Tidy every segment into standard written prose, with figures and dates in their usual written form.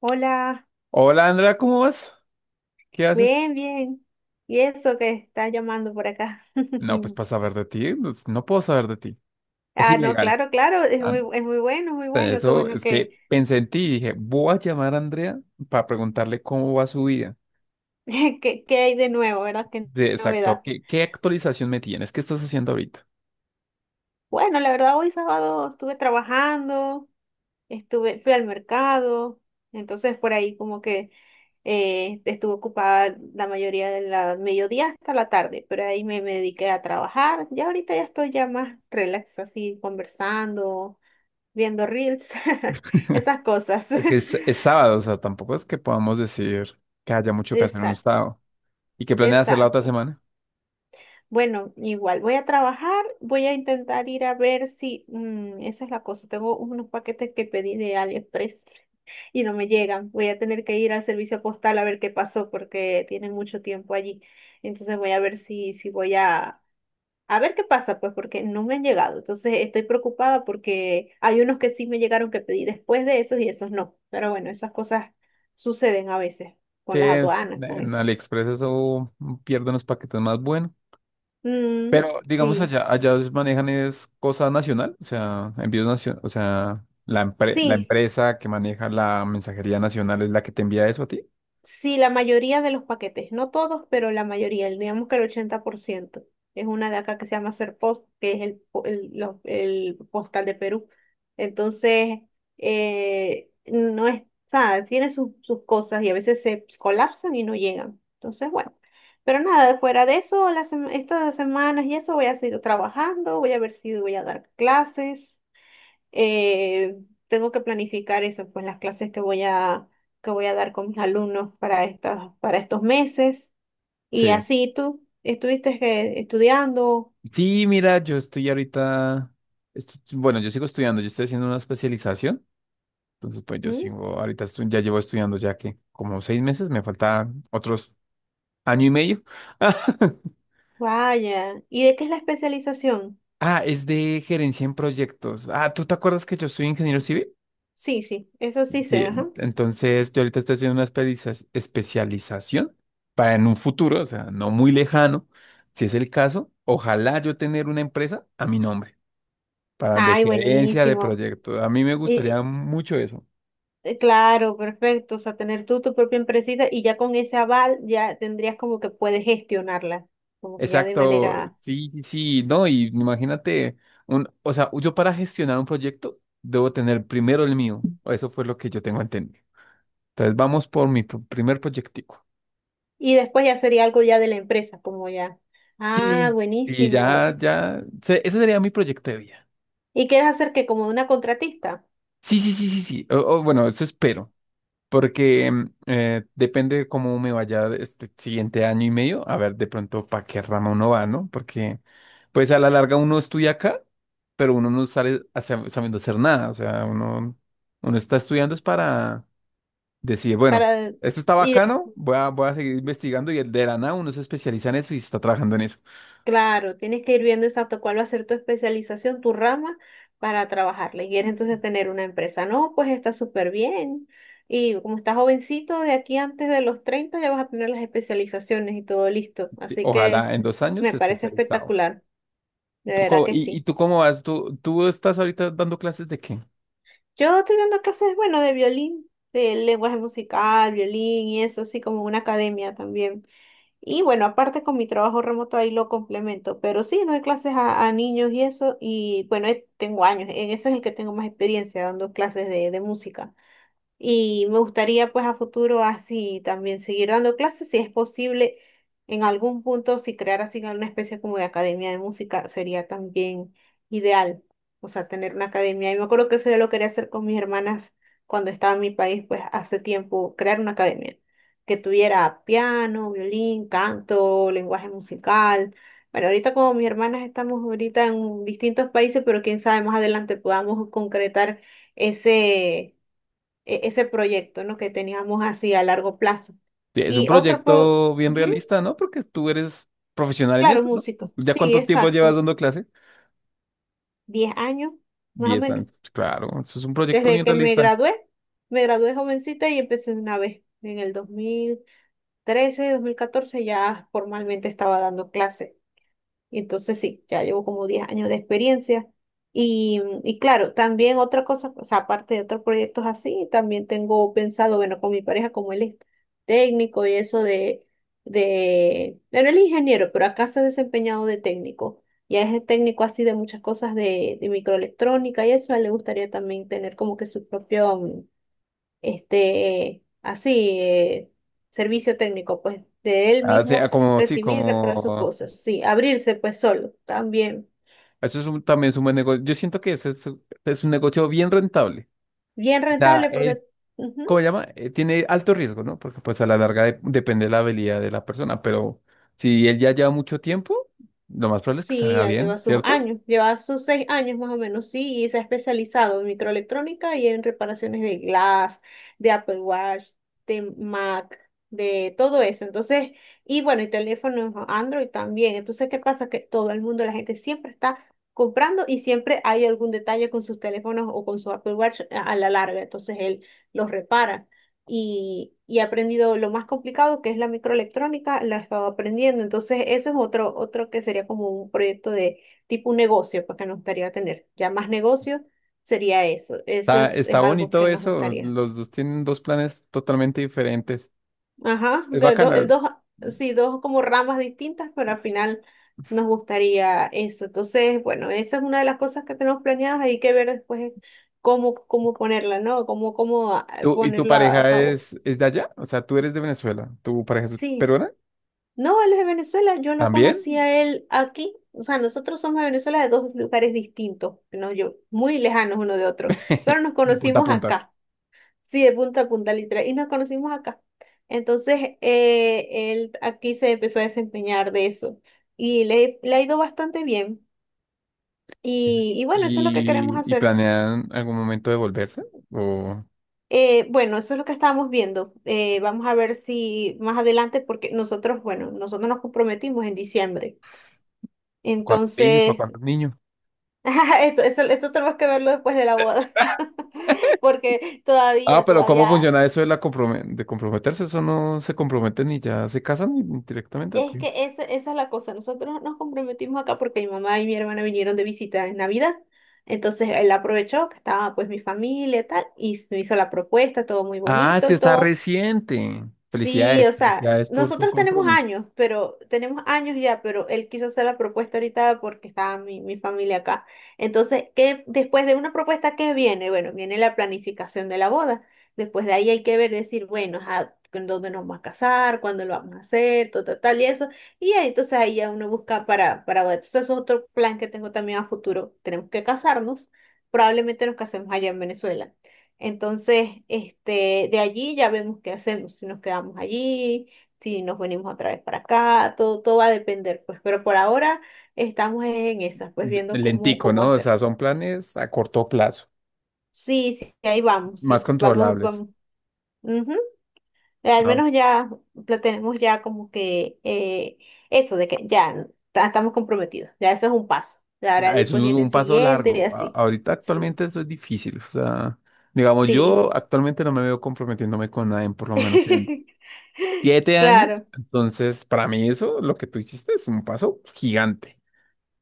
Hola, Hola Andrea, ¿cómo vas? ¿Qué haces? bien, bien. ¿Y eso que estás llamando por acá? No, pues para saber de ti, pues, no puedo saber de ti. Es Ah, no, ilegal. claro, claro, es Ah, muy, es muy bueno, muy bueno, qué eso bueno es que, que pensé en ti y dije, voy a llamar a Andrea para preguntarle cómo va su vida. que hay de nuevo, ¿verdad? Qué De exacto, novedad. ¿qué actualización me tienes? ¿Qué estás haciendo ahorita? Bueno, la verdad, hoy sábado estuve trabajando, fui al mercado, entonces por ahí como que estuve ocupada la mayoría de la mediodía hasta la tarde, pero ahí me dediqué a trabajar. Ya ahorita ya estoy ya más relax, así conversando viendo reels, esas cosas. Es que es sábado, o sea, tampoco es que podamos decir que haya mucho que hacer en un Exacto, estado. ¿Y qué planeas hacer la otra exacto. semana? Bueno, igual voy a trabajar, voy a intentar ir a ver si, esa es la cosa, tengo unos paquetes que pedí de AliExpress y no me llegan. Voy a tener que ir al servicio postal a ver qué pasó porque tienen mucho tiempo allí. Entonces voy a ver si voy a ver qué pasa, pues, porque no me han llegado. Entonces estoy preocupada porque hay unos que sí me llegaron que pedí después de esos y esos no. Pero bueno, esas cosas suceden a veces Sí, con las aduanas, con en eso. AliExpress eso pierde unos paquetes más buenos. Mm, Pero digamos sí, allá os manejan es cosa nacional, o sea, envíos nacionales, o sea, la sí. empresa que maneja la mensajería nacional es la que te envía eso a ti. Sí, la mayoría de los paquetes, no todos, pero la mayoría, digamos que el 80% es una de acá que se llama Serpost, que es el, po- el, lo- el postal de Perú. Entonces, no es, o sea, tiene sus cosas y a veces se pues, colapsan y no llegan. Entonces, bueno, pero nada, fuera de eso, estas semanas y eso voy a seguir trabajando, voy a ver si voy a dar clases, eh, tengo que planificar eso, pues las clases que voy a dar con mis alumnos para para estos meses. Y Sí. así tú estuviste estudiando. Sí, mira, yo estoy ahorita, bueno, yo sigo estudiando, yo estoy haciendo una especialización. Entonces, pues yo ¿Mm? sigo, ahorita ya llevo estudiando ya que como 6 meses, me falta otros año y medio. Vaya. ¿Y de qué es la especialización? Ah, es de gerencia en proyectos. Ah, ¿tú te acuerdas que yo soy ingeniero civil? Sí, sí, eso sí sé, Sí, ajá. entonces yo ahorita estoy haciendo una especialización para en un futuro, o sea, no muy lejano, si es el caso, ojalá yo tener una empresa a mi nombre, para de Ay, gerencia de buenísimo. proyectos. A mí me gustaría Y, mucho eso. Claro, perfecto. O sea, tener tú tu propia empresita y ya con ese aval ya tendrías como que puedes gestionarla, como que ya de Exacto, manera. sí, sí, sí, no, y imagínate, un, o sea, yo para gestionar un proyecto debo tener primero el mío, o eso fue lo que yo tengo entendido. Entonces vamos por mi primer proyectico. Y después ya sería algo ya de la empresa, como ya. Ah, Sí, y buenísimo. ya, ya, ese sería mi proyecto de vida. ¿Y quieres hacer que como una contratista? Sí, sí, sí, sí, sí, o, bueno, eso espero. Porque depende cómo me vaya este siguiente año y medio, a ver de pronto para qué rama uno va, ¿no? Porque pues a la larga uno estudia acá, pero uno no sale sabiendo hacer nada, o sea, uno, uno está estudiando es para decir, bueno, Para, esto está y de- bacano, voy a seguir investigando y el de la nada uno se especializa en eso y está trabajando en eso. claro, tienes que ir viendo exacto cuál va a ser tu especialización, tu rama para trabajarla. Y quieres entonces tener una empresa. No, pues está súper bien. Y como estás jovencito, de aquí antes de los 30 ya vas a tener las especializaciones y todo listo. Sí, Así que ojalá en 2 años me parece especializado. espectacular. De ¿Tú, verdad co- que y, ¿Y sí. tú cómo vas? ¿Tú estás ahorita dando clases de qué? Yo tenía una clases, bueno, de violín, de lenguaje musical, violín y eso, así como una academia también. Y bueno, aparte con mi trabajo remoto ahí lo complemento, pero sí, doy clases a niños y eso, y bueno, tengo años, en ese es el que tengo más experiencia dando clases de música. Y me gustaría pues a futuro así también seguir dando clases, si es posible en algún punto, si crear así una especie como de academia de música sería también ideal, o sea, tener una academia. Y me acuerdo que eso yo lo quería hacer con mis hermanas cuando estaba en mi país, pues hace tiempo, crear una academia que tuviera piano, violín, canto, lenguaje musical. Bueno, ahorita como mis hermanas estamos ahorita en distintos países, pero quién sabe, más adelante podamos concretar ese ese proyecto, ¿no? Que teníamos así a largo plazo. Sí, es un Y otro, pro- proyecto bien ujú, realista, ¿no? Porque tú eres profesional en claro, eso, ¿no? músico, ¿Ya sí, cuánto tiempo llevas exacto, dando clase? 10 años, más o Diez menos. años. Pues, claro, eso es un proyecto Desde bien que realista. Me gradué jovencita y empecé de una vez. En el dos mil trece, 2014 ya formalmente estaba dando clases. Y entonces sí, ya llevo como 10 años de experiencia. Y claro, también otra cosa, o sea, aparte de otros proyectos así, también tengo pensado, bueno, con mi pareja, como él es técnico y eso bueno, él es ingeniero, pero acá se ha desempeñado de técnico. Ya es el técnico así de muchas cosas de microelectrónica y eso, a él le gustaría también tener como que su propio, este, así, servicio técnico, pues de él Ah, o mismo sea, como, sí, recibir y reparar sus como... cosas, sí, abrirse pues solo, también, también es un buen negocio. Yo siento que es un negocio bien rentable. bien O sea, rentable porque, es, ujú, ¿cómo se llama? Tiene alto riesgo, ¿no? Porque pues a la larga depende de la habilidad de la persona, pero si él ya lleva mucho tiempo, lo más probable es que sí, salga ya lleva bien, sus ¿cierto? años, lleva sus 6 años más o menos, sí, y se ha especializado en microelectrónica y en reparaciones de Glass, de Apple Watch, de Mac, de todo eso. Entonces, y bueno, y teléfonos Android también. Entonces, ¿qué pasa? Que todo el mundo, la gente siempre está comprando y siempre hay algún detalle con sus teléfonos o con su Apple Watch a la larga. Entonces, él los repara y he aprendido lo más complicado que es la microelectrónica, la he estado aprendiendo. Entonces, ese es otro que sería como un proyecto de tipo un negocio, pues, que nos gustaría tener. Ya más negocio sería eso. Eso Está, es, está es algo bonito que nos eso. gustaría. Los dos tienen dos planes totalmente diferentes. Ajá, Es bacana. dos, sí, dos como ramas distintas, pero al final nos gustaría eso. Entonces, bueno, esa es una de las cosas que tenemos planeadas. Hay que ver después cómo ponerla, ¿no? Cómo, cómo ah, ¿Y tu ponerlo a pareja cabo. es de allá? O sea, tú eres de Venezuela. ¿Tu pareja es Sí. peruana? No, él es de Venezuela, yo lo conocí ¿También? a él aquí, o sea, nosotros somos de Venezuela de dos lugares distintos, no yo, muy lejanos uno de otro, pero nos De punta a conocimos punta. acá, sí, de punta a punta literal, y nos conocimos acá. Entonces, él aquí se empezó a desempeñar de eso y le ha ido bastante bien. Sí. Y bueno, eso es lo que queremos Y hacer. planean algún momento de volverse? ¿O Bueno, eso es lo que estábamos viendo. Vamos a ver si más adelante, porque nosotros, bueno, nosotros nos comprometimos en diciembre. cuántos niños? ¿Para Entonces, cuántos niños? Esto tenemos que verlo después de la boda, porque Ah, todavía, pero ¿cómo todavía, funciona eso de, de comprometerse? Eso no se comprometen y ya se casan directamente. ¿O es qué? que esa es la cosa, nosotros nos comprometimos acá porque mi mamá y mi hermana vinieron de visita en Navidad, entonces él aprovechó que estaba pues mi familia y tal, y me hizo la propuesta, todo muy Ah, es bonito que y está todo. reciente. Sí, Felicidades, o sea, felicidades por tu nosotros tenemos compromiso. años, pero tenemos años ya, pero él quiso hacer la propuesta ahorita porque estaba mi, familia acá. Entonces, después de una propuesta, ¿qué viene? Bueno, viene la planificación de la boda. Después de ahí hay que ver, decir, bueno, ajá, ¿en dónde nos vamos a casar? ¿Cuándo lo vamos a hacer? Todo, tal, tal y eso. Y ahí, entonces ahí ya uno busca para boda. Entonces, eso es otro plan que tengo también a futuro. Tenemos que casarnos. Probablemente nos casemos allá en Venezuela. Entonces, este, de allí ya vemos qué hacemos, si nos quedamos allí, si nos venimos otra vez para acá, todo, todo va a depender, pues, pero por ahora estamos en esas, pues viendo cómo, Lentico, cómo ¿no? O hacer. sea, son planes a corto plazo, Sí, sí, ahí vamos, más sí, vamos, controlables. vamos. Ujú. Al Ah, menos ya la tenemos ya como que, eso de que ya estamos comprometidos, ya eso es un paso. Ya ahora ah, eso es después un viene un el paso siguiente y largo. Así. Ahorita Sí, actualmente eso es difícil. O sea, digamos, sí, yo sí. actualmente no me veo comprometiéndome con nadie, por lo menos en 7 años. Claro. Entonces, para mí eso, lo que tú hiciste es un paso gigante.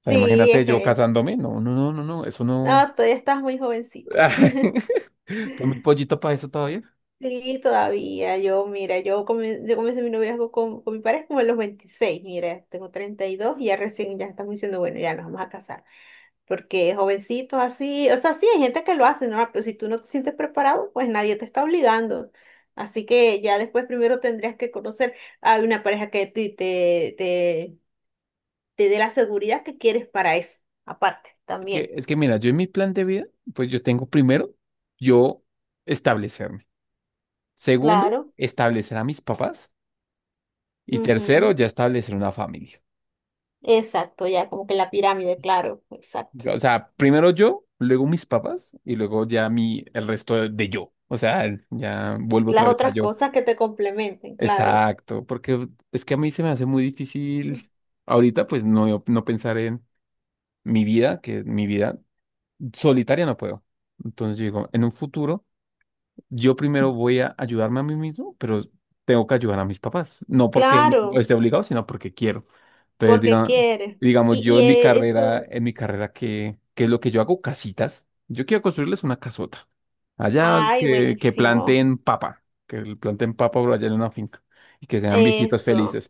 O sea, Sí, imagínate es yo que casándome. No, no, no, no, no, eso no. no, todavía estás muy jovencito. Tengo mi pollito para eso todavía. Sí, todavía. Yo, mira, yo comencé mi noviazgo con mi pareja como a los 26. Mira, tengo 32 y dos y ya recién ya estamos diciendo, bueno, ya nos vamos a casar. Porque jovencitos así, o sea, sí, hay gente que lo hace, ¿no? Pero si tú no te sientes preparado, pues nadie te está obligando. Así que ya después primero tendrías que conocer a una pareja que te dé la seguridad que quieres para eso, aparte, Es que, también. es que mira, yo en mi plan de vida, pues yo tengo primero, yo establecerme. Segundo, Claro. establecer a mis papás. Y tercero, Ujú. ya establecer una familia. Exacto, ya como que la pirámide, claro, exacto. O sea, primero yo, luego mis papás y luego ya mi, el resto de, yo. O sea, ya vuelvo Las otra vez a otras yo. cosas que te complementen, claro. Exacto, porque es que a mí se me hace muy difícil ahorita, no pensar en mi vida, que mi vida solitaria no puedo. Entonces yo digo, en un futuro, yo primero voy a ayudarme a mí mismo, pero tengo que ayudar a mis papás. No porque no Claro, esté obligado, sino porque quiero. Entonces, porque quieres. digamos, Y, yo y eh, eso, en mi carrera, ¿qué es lo que yo hago? Casitas. Yo quiero construirles una casota. Allá ay, que, buenísimo. Que planten papa por allá en una finca y que sean viejitos Eso. felices.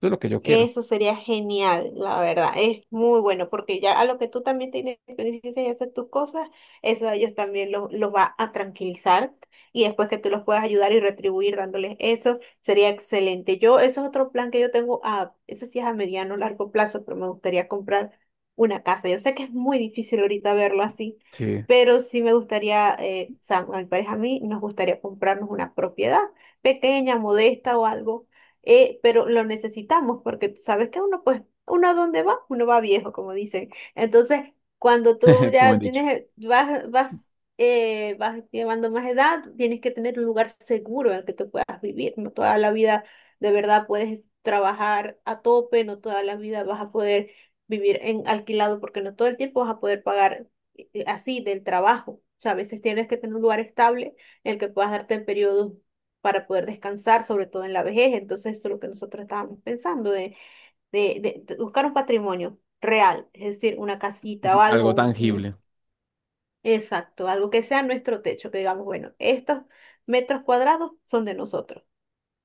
Eso es lo que yo quiero. Eso sería genial, la verdad. Es muy bueno porque ya a lo que tú también te independices y hacer tus cosas, eso a ellos también los va a tranquilizar y después que tú los puedas ayudar y retribuir dándoles eso, sería excelente. Yo, eso es otro plan que yo tengo a, eso sí es a mediano, largo plazo, pero me gustaría comprar una casa. Yo sé que es muy difícil ahorita verlo así, Sí, pero sí me gustaría, o sea, a mi pareja a mí nos gustaría comprarnos una propiedad pequeña, modesta o algo, pero lo necesitamos porque tú sabes que uno, pues, uno a dónde va, uno va viejo, como dicen. Entonces, cuando tú qué buen ya dicho. tienes, vas llevando más edad, tienes que tener un lugar seguro en el que tú puedas vivir. No toda la vida de verdad puedes trabajar a tope, no toda la vida vas a poder vivir en alquilado porque no todo el tiempo vas a poder pagar, así del trabajo. O sea, a veces tienes que tener un lugar estable en el que puedas darte en periodos para poder descansar, sobre todo en la vejez. Entonces, esto es lo que nosotros estábamos pensando, de, de, buscar un patrimonio real, es decir, una casita o algo, Algo tangible. Exacto, algo que sea nuestro techo, que digamos, bueno, estos metros cuadrados son de nosotros.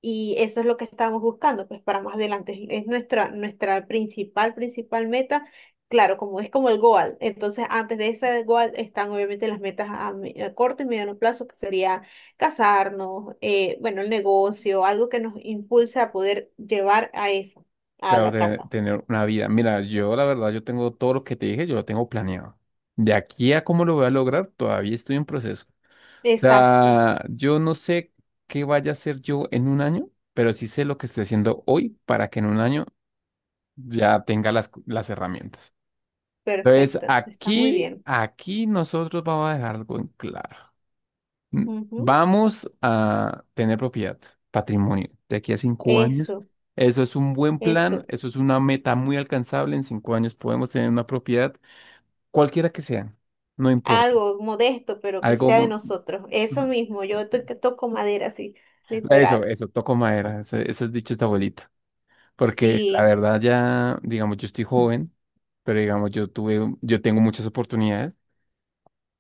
Y eso es lo que estábamos buscando, pues para más adelante. Es nuestra principal, principal meta. Claro, como es como el goal. Entonces, antes de ese goal están obviamente las metas a corto y mediano plazo, que sería casarnos, bueno, el negocio, algo que nos impulse a poder llevar a eso, a Claro, la casa. tener una vida. Mira, yo la verdad, yo tengo todo lo que te dije, yo lo tengo planeado. De aquí a cómo lo voy a lograr, todavía estoy en proceso. O Exacto, sea, yo no sé qué vaya a hacer yo en un año, pero sí sé lo que estoy haciendo hoy para que en un año ya tenga las herramientas. Entonces, perfecto, está muy bien. aquí nosotros vamos a dejar algo en claro. Mm, Ujú, vamos a tener propiedad, patrimonio, de aquí a 5 años. eso, Eso es un buen plan, eso. eso es una meta muy alcanzable. En 5 años podemos tener una propiedad, cualquiera que sea, no importa. Algo modesto, pero que Algo, sea de nosotros. Eso ujú. mismo, yo, que toco madera, así. Eso, Literal. eso, toco madera, ese es dicho esta abuelita. Porque la Sí, verdad ya, digamos, yo estoy joven, pero digamos, yo tengo muchas oportunidades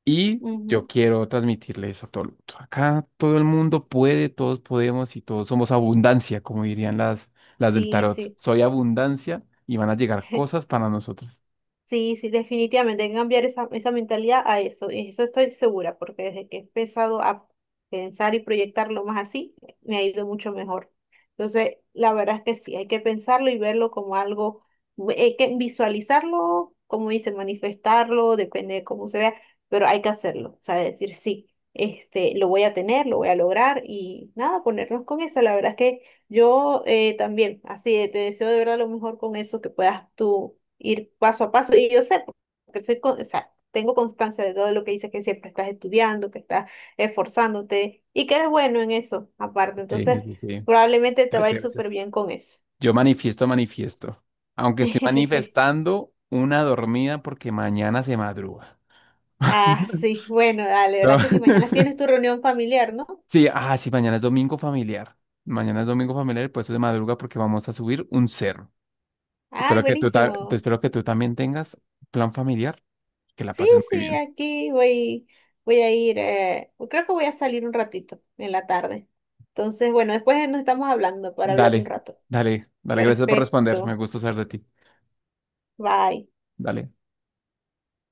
y yo ujú, quiero transmitirle eso a todo el mundo. Acá todo el mundo puede, todos podemos y todos somos abundancia, como dirían las del sí, tarot. sí. Soy abundancia y van a llegar cosas para nosotros. Sí, sí, definitivamente hay que cambiar esa mentalidad a eso. Y eso estoy segura, porque desde que he empezado a pensar y proyectarlo más así, me ha ido mucho mejor. Entonces, la verdad es que sí, hay que pensarlo y verlo como algo, hay que visualizarlo, como dice, manifestarlo, depende de cómo se vea, pero hay que hacerlo. O sea, decir sí, este, lo voy a tener, lo voy a lograr y nada, ponernos con eso. La verdad es que yo, también, así, te deseo de verdad lo mejor con eso que puedas tú ir paso a paso. Y yo sé, porque o sea, tengo constancia de todo lo que dices, que siempre estás estudiando, que estás esforzándote y que eres bueno en eso, aparte. Sí, Entonces, sí, sí. probablemente te va a ir Gracias, súper gracias. bien con eso. Yo manifiesto, manifiesto. Aunque estoy manifestando una dormida porque mañana se madruga. Ah, sí, bueno, dale, No. ¿verdad que si mañana tienes tu reunión familiar, ¿no? Sí, ah, sí, mañana es domingo familiar. Mañana es domingo familiar, y por eso de madruga porque vamos a subir un cerro. Ay, Espero que tú, te buenísimo. espero que tú también tengas plan familiar, que la Sí, pases muy sí, bien. aquí voy, voy a ir, creo que voy a salir un ratito en la tarde. Entonces, bueno, después nos estamos hablando para hablar un Dale, rato. dale, dale, gracias por responder. Me Perfecto. gusta saber de ti. Bye. Dale.